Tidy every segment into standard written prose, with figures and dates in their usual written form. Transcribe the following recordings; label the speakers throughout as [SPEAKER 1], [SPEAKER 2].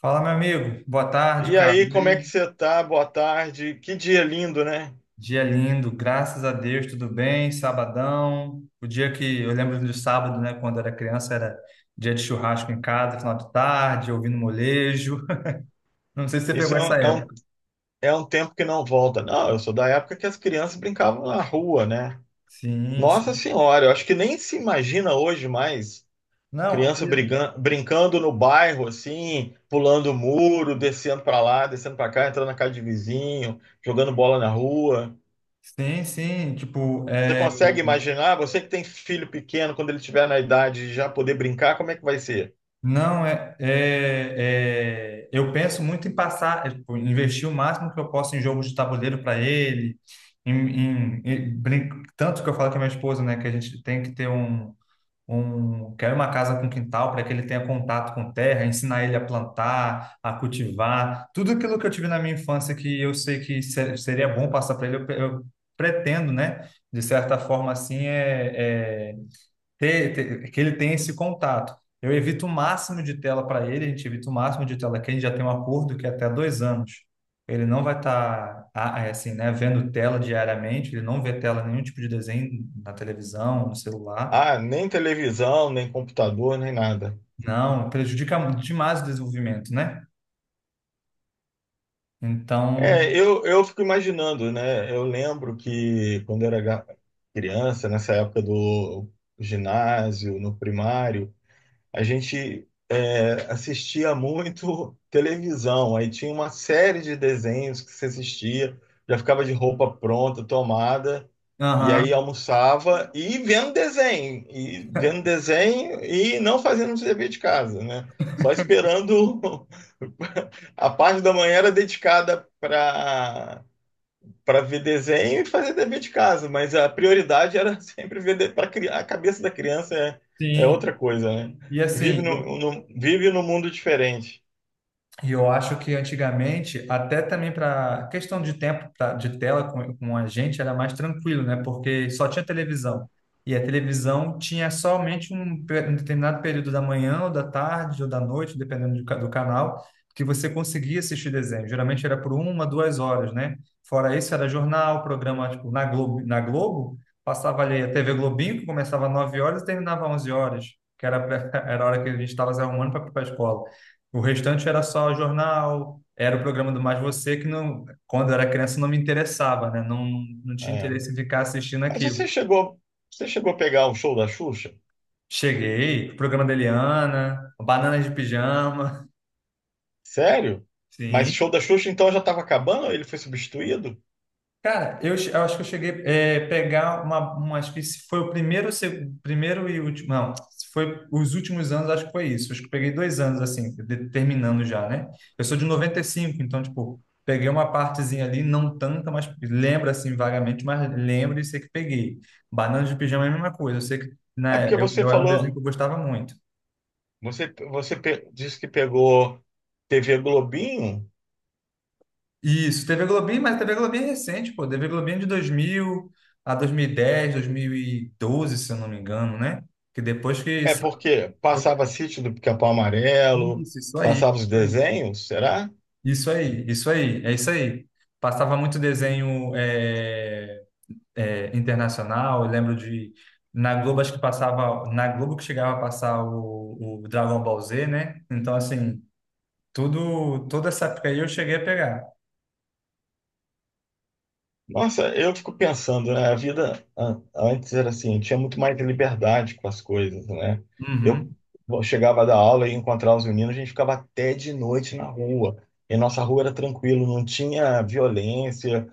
[SPEAKER 1] Fala, meu amigo. Boa tarde,
[SPEAKER 2] E
[SPEAKER 1] cara.
[SPEAKER 2] aí,
[SPEAKER 1] E
[SPEAKER 2] como é que
[SPEAKER 1] aí?
[SPEAKER 2] você tá? Boa tarde. Que dia lindo, né?
[SPEAKER 1] Dia lindo, graças a Deus, tudo bem? Sabadão. O dia que eu lembro do sábado, né? Quando eu era criança, era dia de churrasco em casa, final de tarde, ouvindo molejo. Não sei se você
[SPEAKER 2] Isso
[SPEAKER 1] pegou
[SPEAKER 2] é
[SPEAKER 1] essa
[SPEAKER 2] um, é um,
[SPEAKER 1] época.
[SPEAKER 2] é um tempo que não volta. Não, eu sou da época que as crianças brincavam na rua, né?
[SPEAKER 1] Sim,
[SPEAKER 2] Nossa
[SPEAKER 1] sim.
[SPEAKER 2] Senhora, eu acho que nem se imagina hoje mais
[SPEAKER 1] Não,
[SPEAKER 2] criança
[SPEAKER 1] e-
[SPEAKER 2] brincando no bairro, assim, pulando muro, descendo para lá, descendo para cá, entrando na casa de vizinho, jogando bola na rua.
[SPEAKER 1] sim, sim. Tipo,
[SPEAKER 2] Você
[SPEAKER 1] é,
[SPEAKER 2] consegue imaginar? Você que tem filho pequeno, quando ele tiver na idade de já poder brincar, como é que vai ser?
[SPEAKER 1] não, é, é, é- eu penso muito em passar, tipo, investir o máximo que eu posso em jogos de tabuleiro para ele. Em, em- em brin- tanto que eu falo com a minha esposa, né, que a gente tem que ter quer uma casa com quintal para que ele tenha contato com terra, ensinar ele a plantar, a cultivar, tudo aquilo que eu tive na minha infância que eu sei que seria bom passar para ele, eu pretendo, né, de certa forma assim, que ele tenha esse contato. Eu evito o máximo de tela para ele, a gente evita o máximo de tela que a gente já tem um acordo que é até dois anos. Ele não vai estar assim, né, vendo tela diariamente, ele não vê tela, nenhum tipo de desenho na televisão, no celular.
[SPEAKER 2] Ah, nem televisão, nem computador, nem nada.
[SPEAKER 1] Não, prejudica muito demais o desenvolvimento, né? Então,
[SPEAKER 2] Eu fico imaginando, né? Eu lembro que quando eu era criança, nessa época do ginásio, no primário, a gente assistia muito televisão. Aí tinha uma série de desenhos que se assistia, já ficava de roupa pronta, tomada, e aí
[SPEAKER 1] aham,
[SPEAKER 2] almoçava e vendo desenho, e vendo desenho e não fazendo o dever de casa, né? Só esperando A parte da manhã era dedicada para ver desenho e fazer dever de casa, mas a prioridade era sempre ver para a cabeça da criança é
[SPEAKER 1] sim.
[SPEAKER 2] outra coisa, né?
[SPEAKER 1] E
[SPEAKER 2] Vive
[SPEAKER 1] assim, eu
[SPEAKER 2] vive num mundo diferente.
[SPEAKER 1] E eu acho que antigamente, até também para questão de de tela com a gente, era mais tranquilo, né? Porque só tinha televisão. E a televisão tinha somente um determinado período da manhã, ou da tarde, ou da noite, dependendo do canal, que você conseguia assistir desenho. Geralmente era por uma, duas horas, né? Fora isso, era jornal, programa, tipo, na Globo, passava ali a TV Globinho, que começava às 9 horas e terminava às 11 horas, que era, era a hora que a gente estava se arrumando para ir para a escola. O restante era só jornal, era o programa do Mais Você, que não, quando eu era criança não me interessava, né? Não, não tinha
[SPEAKER 2] É.
[SPEAKER 1] interesse em ficar assistindo
[SPEAKER 2] Mas
[SPEAKER 1] aquilo.
[SPEAKER 2] você chegou, você chegou a pegar o show da Xuxa?
[SPEAKER 1] Cheguei, o programa da Eliana, Bananas de Pijama,
[SPEAKER 2] Sério? Mas
[SPEAKER 1] sim.
[SPEAKER 2] show da Xuxa então já estava acabando? Ele foi substituído?
[SPEAKER 1] Cara, eu acho que eu cheguei pegar uma, acho que se foi o primeiro, primeiro e último, não, se foi os últimos anos, acho que foi isso. Acho que eu peguei dois anos, assim, terminando já, né? Eu sou de 95 então, tipo, peguei uma partezinha ali, não tanta, mas lembro, assim, vagamente, mas lembro e sei que peguei. Banana de pijama é a mesma coisa, eu sei que,
[SPEAKER 2] É
[SPEAKER 1] né,
[SPEAKER 2] porque você
[SPEAKER 1] eu era um desenho que
[SPEAKER 2] falou,
[SPEAKER 1] eu gostava muito.
[SPEAKER 2] você disse que pegou TV Globinho.
[SPEAKER 1] Isso, TV Globinho, mas TV Globinho é recente, pô. TV Globinho é de 2000 a 2010, 2012, se eu não me engano, né? Que depois que...
[SPEAKER 2] É porque passava Sítio do Pica-Pau Amarelo,
[SPEAKER 1] Isso aí,
[SPEAKER 2] passava os
[SPEAKER 1] isso aí.
[SPEAKER 2] desenhos, será?
[SPEAKER 1] Isso aí, isso aí, é isso aí. Passava muito desenho internacional, eu lembro de... Na Globo, acho que passava... Na Globo que chegava a passar o Dragon Ball Z, né? Então, assim, tudo, toda essa época aí eu cheguei a pegar.
[SPEAKER 2] Nossa, eu fico pensando, né? A vida antes era assim, tinha muito mais liberdade com as coisas, né? Eu
[SPEAKER 1] Uhum.
[SPEAKER 2] chegava da aula e encontrava os meninos, a gente ficava até de noite na rua. E nossa rua era tranquilo, não tinha violência.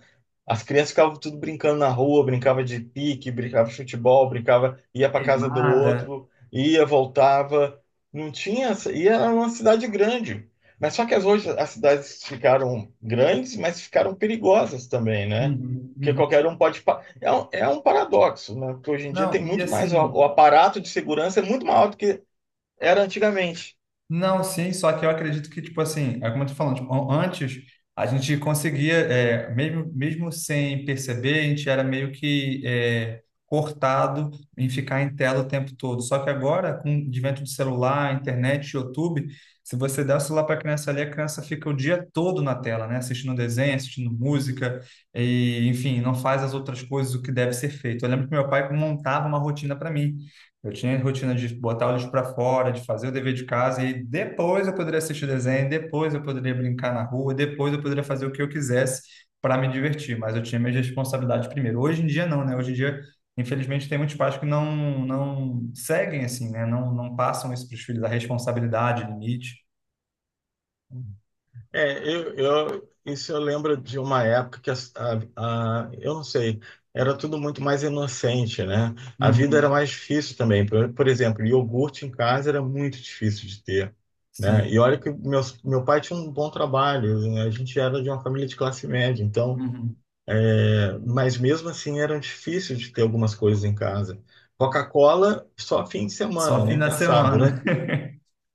[SPEAKER 2] As crianças ficavam tudo brincando na rua, brincava de pique, brincava de futebol, brincava, ia para casa do
[SPEAKER 1] Queimada.
[SPEAKER 2] outro, ia, voltava. Não tinha, e era uma cidade grande. Mas só que as, hoje as cidades ficaram grandes, mas ficaram perigosas também, né?
[SPEAKER 1] Uhum,
[SPEAKER 2] Porque
[SPEAKER 1] uhum.
[SPEAKER 2] qualquer um pode. É um paradoxo, né? Porque hoje em dia
[SPEAKER 1] Não,
[SPEAKER 2] tem
[SPEAKER 1] e
[SPEAKER 2] muito mais. O,
[SPEAKER 1] assim,
[SPEAKER 2] o aparato de segurança é muito maior do que era antigamente.
[SPEAKER 1] não, sim, só que eu acredito que, tipo assim, é como eu tô falando, tipo, antes a gente conseguia, é, mesmo, mesmo sem perceber, a gente era meio que é, cortado em ficar em tela o tempo todo. Só que agora, com o advento de celular, internet, YouTube, se você der o celular para a criança ali, a criança fica o dia todo na tela, né? Assistindo desenho, assistindo música, enfim, não faz as outras coisas o que deve ser feito. Eu lembro que meu pai montava uma rotina para mim. Eu tinha a rotina de botar o lixo para fora, de fazer o dever de casa, e depois eu poderia assistir desenho, depois eu poderia brincar na rua, depois eu poderia fazer o que eu quisesse para me divertir, mas eu tinha minhas responsabilidades primeiro. Hoje em dia não, né? Hoje em dia, infelizmente, tem muitos pais que não seguem assim, né? Não passam isso para os filhos, a responsabilidade, limite.
[SPEAKER 2] Isso eu lembro de uma época que eu não sei, era tudo muito mais inocente, né? A vida era
[SPEAKER 1] Uhum.
[SPEAKER 2] mais difícil também. Por exemplo, iogurte em casa era muito difícil de ter, né?
[SPEAKER 1] Sim.
[SPEAKER 2] E olha que meu pai tinha um bom trabalho, né? A gente era de uma família de classe média, então,
[SPEAKER 1] Uhum.
[SPEAKER 2] mas mesmo assim era difícil de ter algumas coisas em casa. Coca-Cola só fim de semana,
[SPEAKER 1] Só fim
[SPEAKER 2] nem
[SPEAKER 1] de
[SPEAKER 2] pensar.
[SPEAKER 1] semana.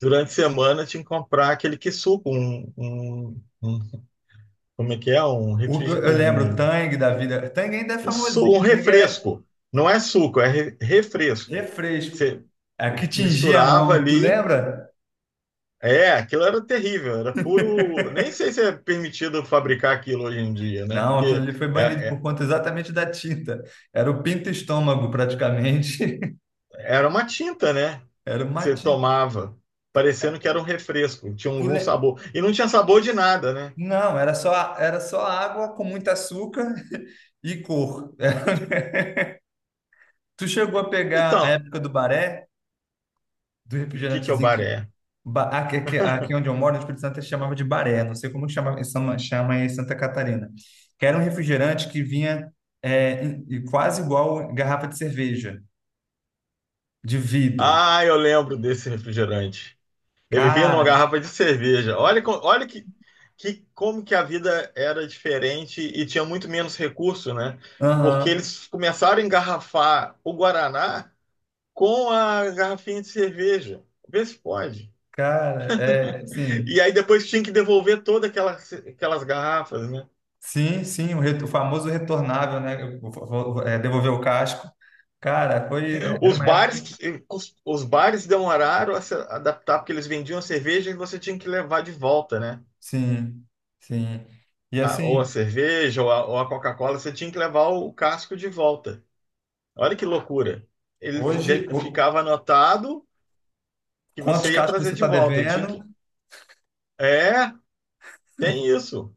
[SPEAKER 2] Durante a semana tinha que comprar aquele que suco, um como é que é?
[SPEAKER 1] Eu lembro o Tang da vida. Tang ainda é
[SPEAKER 2] Um
[SPEAKER 1] famosinho, Tang era
[SPEAKER 2] refresco. Não é suco, é refresco.
[SPEAKER 1] refresco.
[SPEAKER 2] Você
[SPEAKER 1] É que tingia a
[SPEAKER 2] misturava
[SPEAKER 1] mão, tu
[SPEAKER 2] ali.
[SPEAKER 1] lembra?
[SPEAKER 2] É, aquilo era terrível, era puro. Nem sei se é permitido fabricar aquilo hoje em dia, né?
[SPEAKER 1] Não, aquilo
[SPEAKER 2] Porque
[SPEAKER 1] ali foi banido
[SPEAKER 2] é-
[SPEAKER 1] por
[SPEAKER 2] é-
[SPEAKER 1] conta exatamente da tinta. Era o pinto estômago, praticamente.
[SPEAKER 2] era uma tinta, né?
[SPEAKER 1] Era
[SPEAKER 2] Que
[SPEAKER 1] uma
[SPEAKER 2] você
[SPEAKER 1] tinta.
[SPEAKER 2] tomava, parecendo que era um refresco, tinha
[SPEAKER 1] Tu
[SPEAKER 2] algum
[SPEAKER 1] le-
[SPEAKER 2] sabor. E não tinha sabor de nada, né?
[SPEAKER 1] Não, era só água com muito açúcar e cor. Tu chegou a pegar a
[SPEAKER 2] Então, o
[SPEAKER 1] época do baré, do
[SPEAKER 2] que que é o
[SPEAKER 1] refrigerantezinho que.
[SPEAKER 2] baré?
[SPEAKER 1] Aqui, aqui onde eu moro, no Espírito Santo, eles chamava de baré. Não sei como chama, chama em Santa Catarina. Que era um refrigerante que vinha quase igual garrafa de cerveja, de vidro.
[SPEAKER 2] Ah, eu lembro desse refrigerante. Ele vinha numa
[SPEAKER 1] Cara,
[SPEAKER 2] garrafa de cerveja. Olha, olha que, como que a vida era diferente e tinha muito menos recurso, né? Porque
[SPEAKER 1] aham.
[SPEAKER 2] eles começaram a engarrafar o Guaraná com a garrafinha de cerveja. Vê se pode.
[SPEAKER 1] Cara, sim,
[SPEAKER 2] E aí depois tinha que devolver todas aquelas, aquelas garrafas, né?
[SPEAKER 1] sim, sim, o famoso retornável, né? Devolver o casco. Cara, foi, é, era
[SPEAKER 2] Os
[SPEAKER 1] uma época.
[SPEAKER 2] bares, os bares demoraram a se adaptar, porque eles vendiam a cerveja e você tinha que levar de volta, né?
[SPEAKER 1] Sim, sim. E
[SPEAKER 2] Ou a
[SPEAKER 1] assim,
[SPEAKER 2] cerveja, ou a Coca-Cola, você tinha que levar o casco de volta. Olha que loucura. Ele
[SPEAKER 1] hoje,
[SPEAKER 2] ficava anotado que
[SPEAKER 1] quantos
[SPEAKER 2] você ia
[SPEAKER 1] cascos você
[SPEAKER 2] trazer de
[SPEAKER 1] está
[SPEAKER 2] volta. Ele tinha
[SPEAKER 1] devendo?
[SPEAKER 2] que... É, tem isso.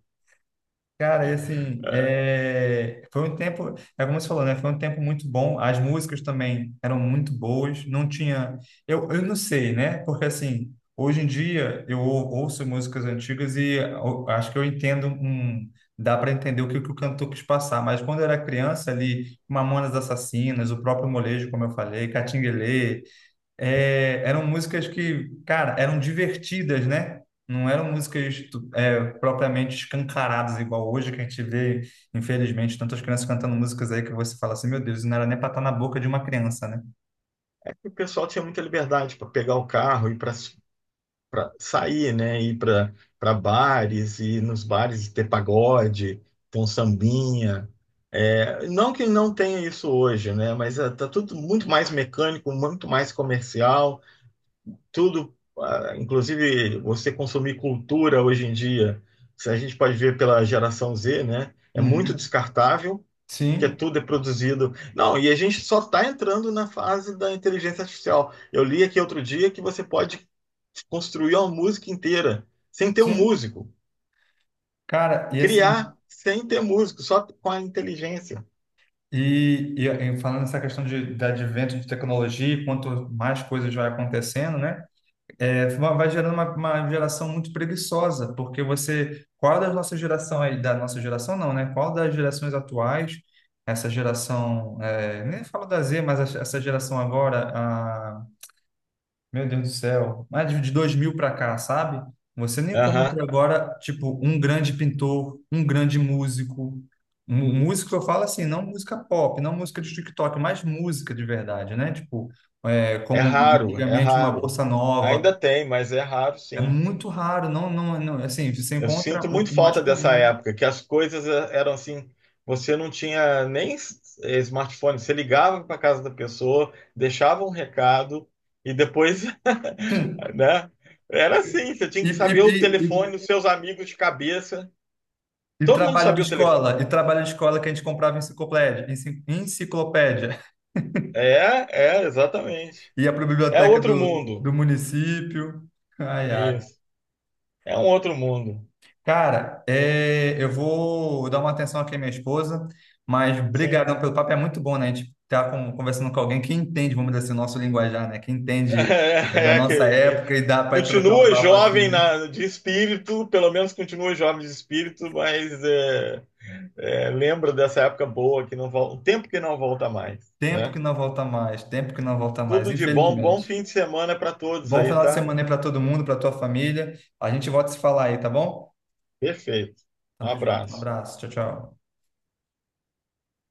[SPEAKER 1] Cara, e assim, é, foi um tempo, é como você falou, né? Foi um tempo muito bom. As músicas também eram muito boas. Não tinha, eu não sei, né? Porque assim, hoje em dia ouço músicas antigas e acho que eu entendo dá para entender que o cantor quis passar. Mas quando eu era criança ali, Mamonas Assassinas, o próprio Molejo, como eu falei, Catinguelê, é, eram músicas que, cara, eram divertidas, né? Não eram músicas propriamente escancaradas, igual hoje que a gente vê, infelizmente, tantas crianças cantando músicas aí que você fala assim, meu Deus, isso não era nem para estar na boca de uma criança, né?
[SPEAKER 2] É que o pessoal tinha muita liberdade para pegar o carro e para sair, né? Ir para bares e nos bares ter pagode, ter um sambinha. É, não que não tenha isso hoje, né? Mas está tudo muito mais mecânico, muito mais comercial. Tudo, ah, inclusive você consumir cultura hoje em dia, se a gente pode ver pela geração Z, né? É muito
[SPEAKER 1] Uhum.
[SPEAKER 2] descartável, que é
[SPEAKER 1] Sim,
[SPEAKER 2] tudo é produzido. Não, e a gente só está entrando na fase da inteligência artificial. Eu li aqui outro dia que você pode construir uma música inteira sem ter um
[SPEAKER 1] sim.
[SPEAKER 2] músico,
[SPEAKER 1] Cara, e assim,
[SPEAKER 2] criar sem ter músico, só com a inteligência.
[SPEAKER 1] e falando nessa questão de advento de tecnologia, e quanto mais coisas vai acontecendo, né? É, vai gerando uma geração muito preguiçosa, porque você, qual da nossa geração aí, da nossa geração não, né? Qual das gerações atuais, essa geração, é, nem falo da Z, mas essa geração agora, a, meu Deus do céu, mais de 2000 para cá, sabe? Você nem
[SPEAKER 2] Aham.
[SPEAKER 1] encontra agora, tipo, um grande pintor, um grande músico. Músico eu falo assim, não música pop, não música de TikTok, mas música de verdade, né? Tipo, é,
[SPEAKER 2] É
[SPEAKER 1] como
[SPEAKER 2] raro, é
[SPEAKER 1] antigamente uma
[SPEAKER 2] raro.
[SPEAKER 1] bossa nova,
[SPEAKER 2] Ainda tem, mas é raro,
[SPEAKER 1] é
[SPEAKER 2] sim.
[SPEAKER 1] muito raro, não, não, não, assim, você
[SPEAKER 2] Eu
[SPEAKER 1] encontra
[SPEAKER 2] sinto muito
[SPEAKER 1] o mais
[SPEAKER 2] falta dessa
[SPEAKER 1] comum, né?
[SPEAKER 2] época, que as coisas eram assim, você não tinha nem smartphone, você ligava para casa da pessoa, deixava um recado e depois, né? Era assim, você tinha
[SPEAKER 1] E,
[SPEAKER 2] que
[SPEAKER 1] e,
[SPEAKER 2] saber o
[SPEAKER 1] e,
[SPEAKER 2] telefone
[SPEAKER 1] e-
[SPEAKER 2] dos seus amigos de cabeça.
[SPEAKER 1] e
[SPEAKER 2] Todo mundo
[SPEAKER 1] trabalho de
[SPEAKER 2] sabia o telefone.
[SPEAKER 1] escola, e trabalho de escola que a gente comprava em enciclopédia, enciclopédia,
[SPEAKER 2] É, é, exatamente.
[SPEAKER 1] ia para a
[SPEAKER 2] É
[SPEAKER 1] biblioteca
[SPEAKER 2] outro
[SPEAKER 1] do
[SPEAKER 2] mundo.
[SPEAKER 1] município. Ai, ai.
[SPEAKER 2] Isso. É um outro mundo.
[SPEAKER 1] Cara, é, eu vou dar uma atenção aqui à minha esposa, mas
[SPEAKER 2] Sim.
[SPEAKER 1] brigadão pelo papo, é muito bom, né? A gente tá conversando com alguém que entende, vamos dizer assim, o nosso linguajar, né? Que entende da
[SPEAKER 2] É,
[SPEAKER 1] nossa
[SPEAKER 2] que,
[SPEAKER 1] época e dá para trocar um
[SPEAKER 2] continua
[SPEAKER 1] papo
[SPEAKER 2] jovem de espírito, pelo menos continua jovem de espírito, lembra dessa época boa que não volta, um tempo que não volta mais,
[SPEAKER 1] Tempo que
[SPEAKER 2] né?
[SPEAKER 1] não volta mais, tempo que não volta mais,
[SPEAKER 2] Tudo de bom, bom
[SPEAKER 1] infelizmente.
[SPEAKER 2] fim de semana para todos
[SPEAKER 1] Bom
[SPEAKER 2] aí,
[SPEAKER 1] final de
[SPEAKER 2] tá?
[SPEAKER 1] semana aí para todo mundo, para tua família. A gente volta a se falar aí, tá bom?
[SPEAKER 2] Perfeito. Um
[SPEAKER 1] Tamo junto. Um
[SPEAKER 2] abraço.
[SPEAKER 1] abraço. Tchau, tchau.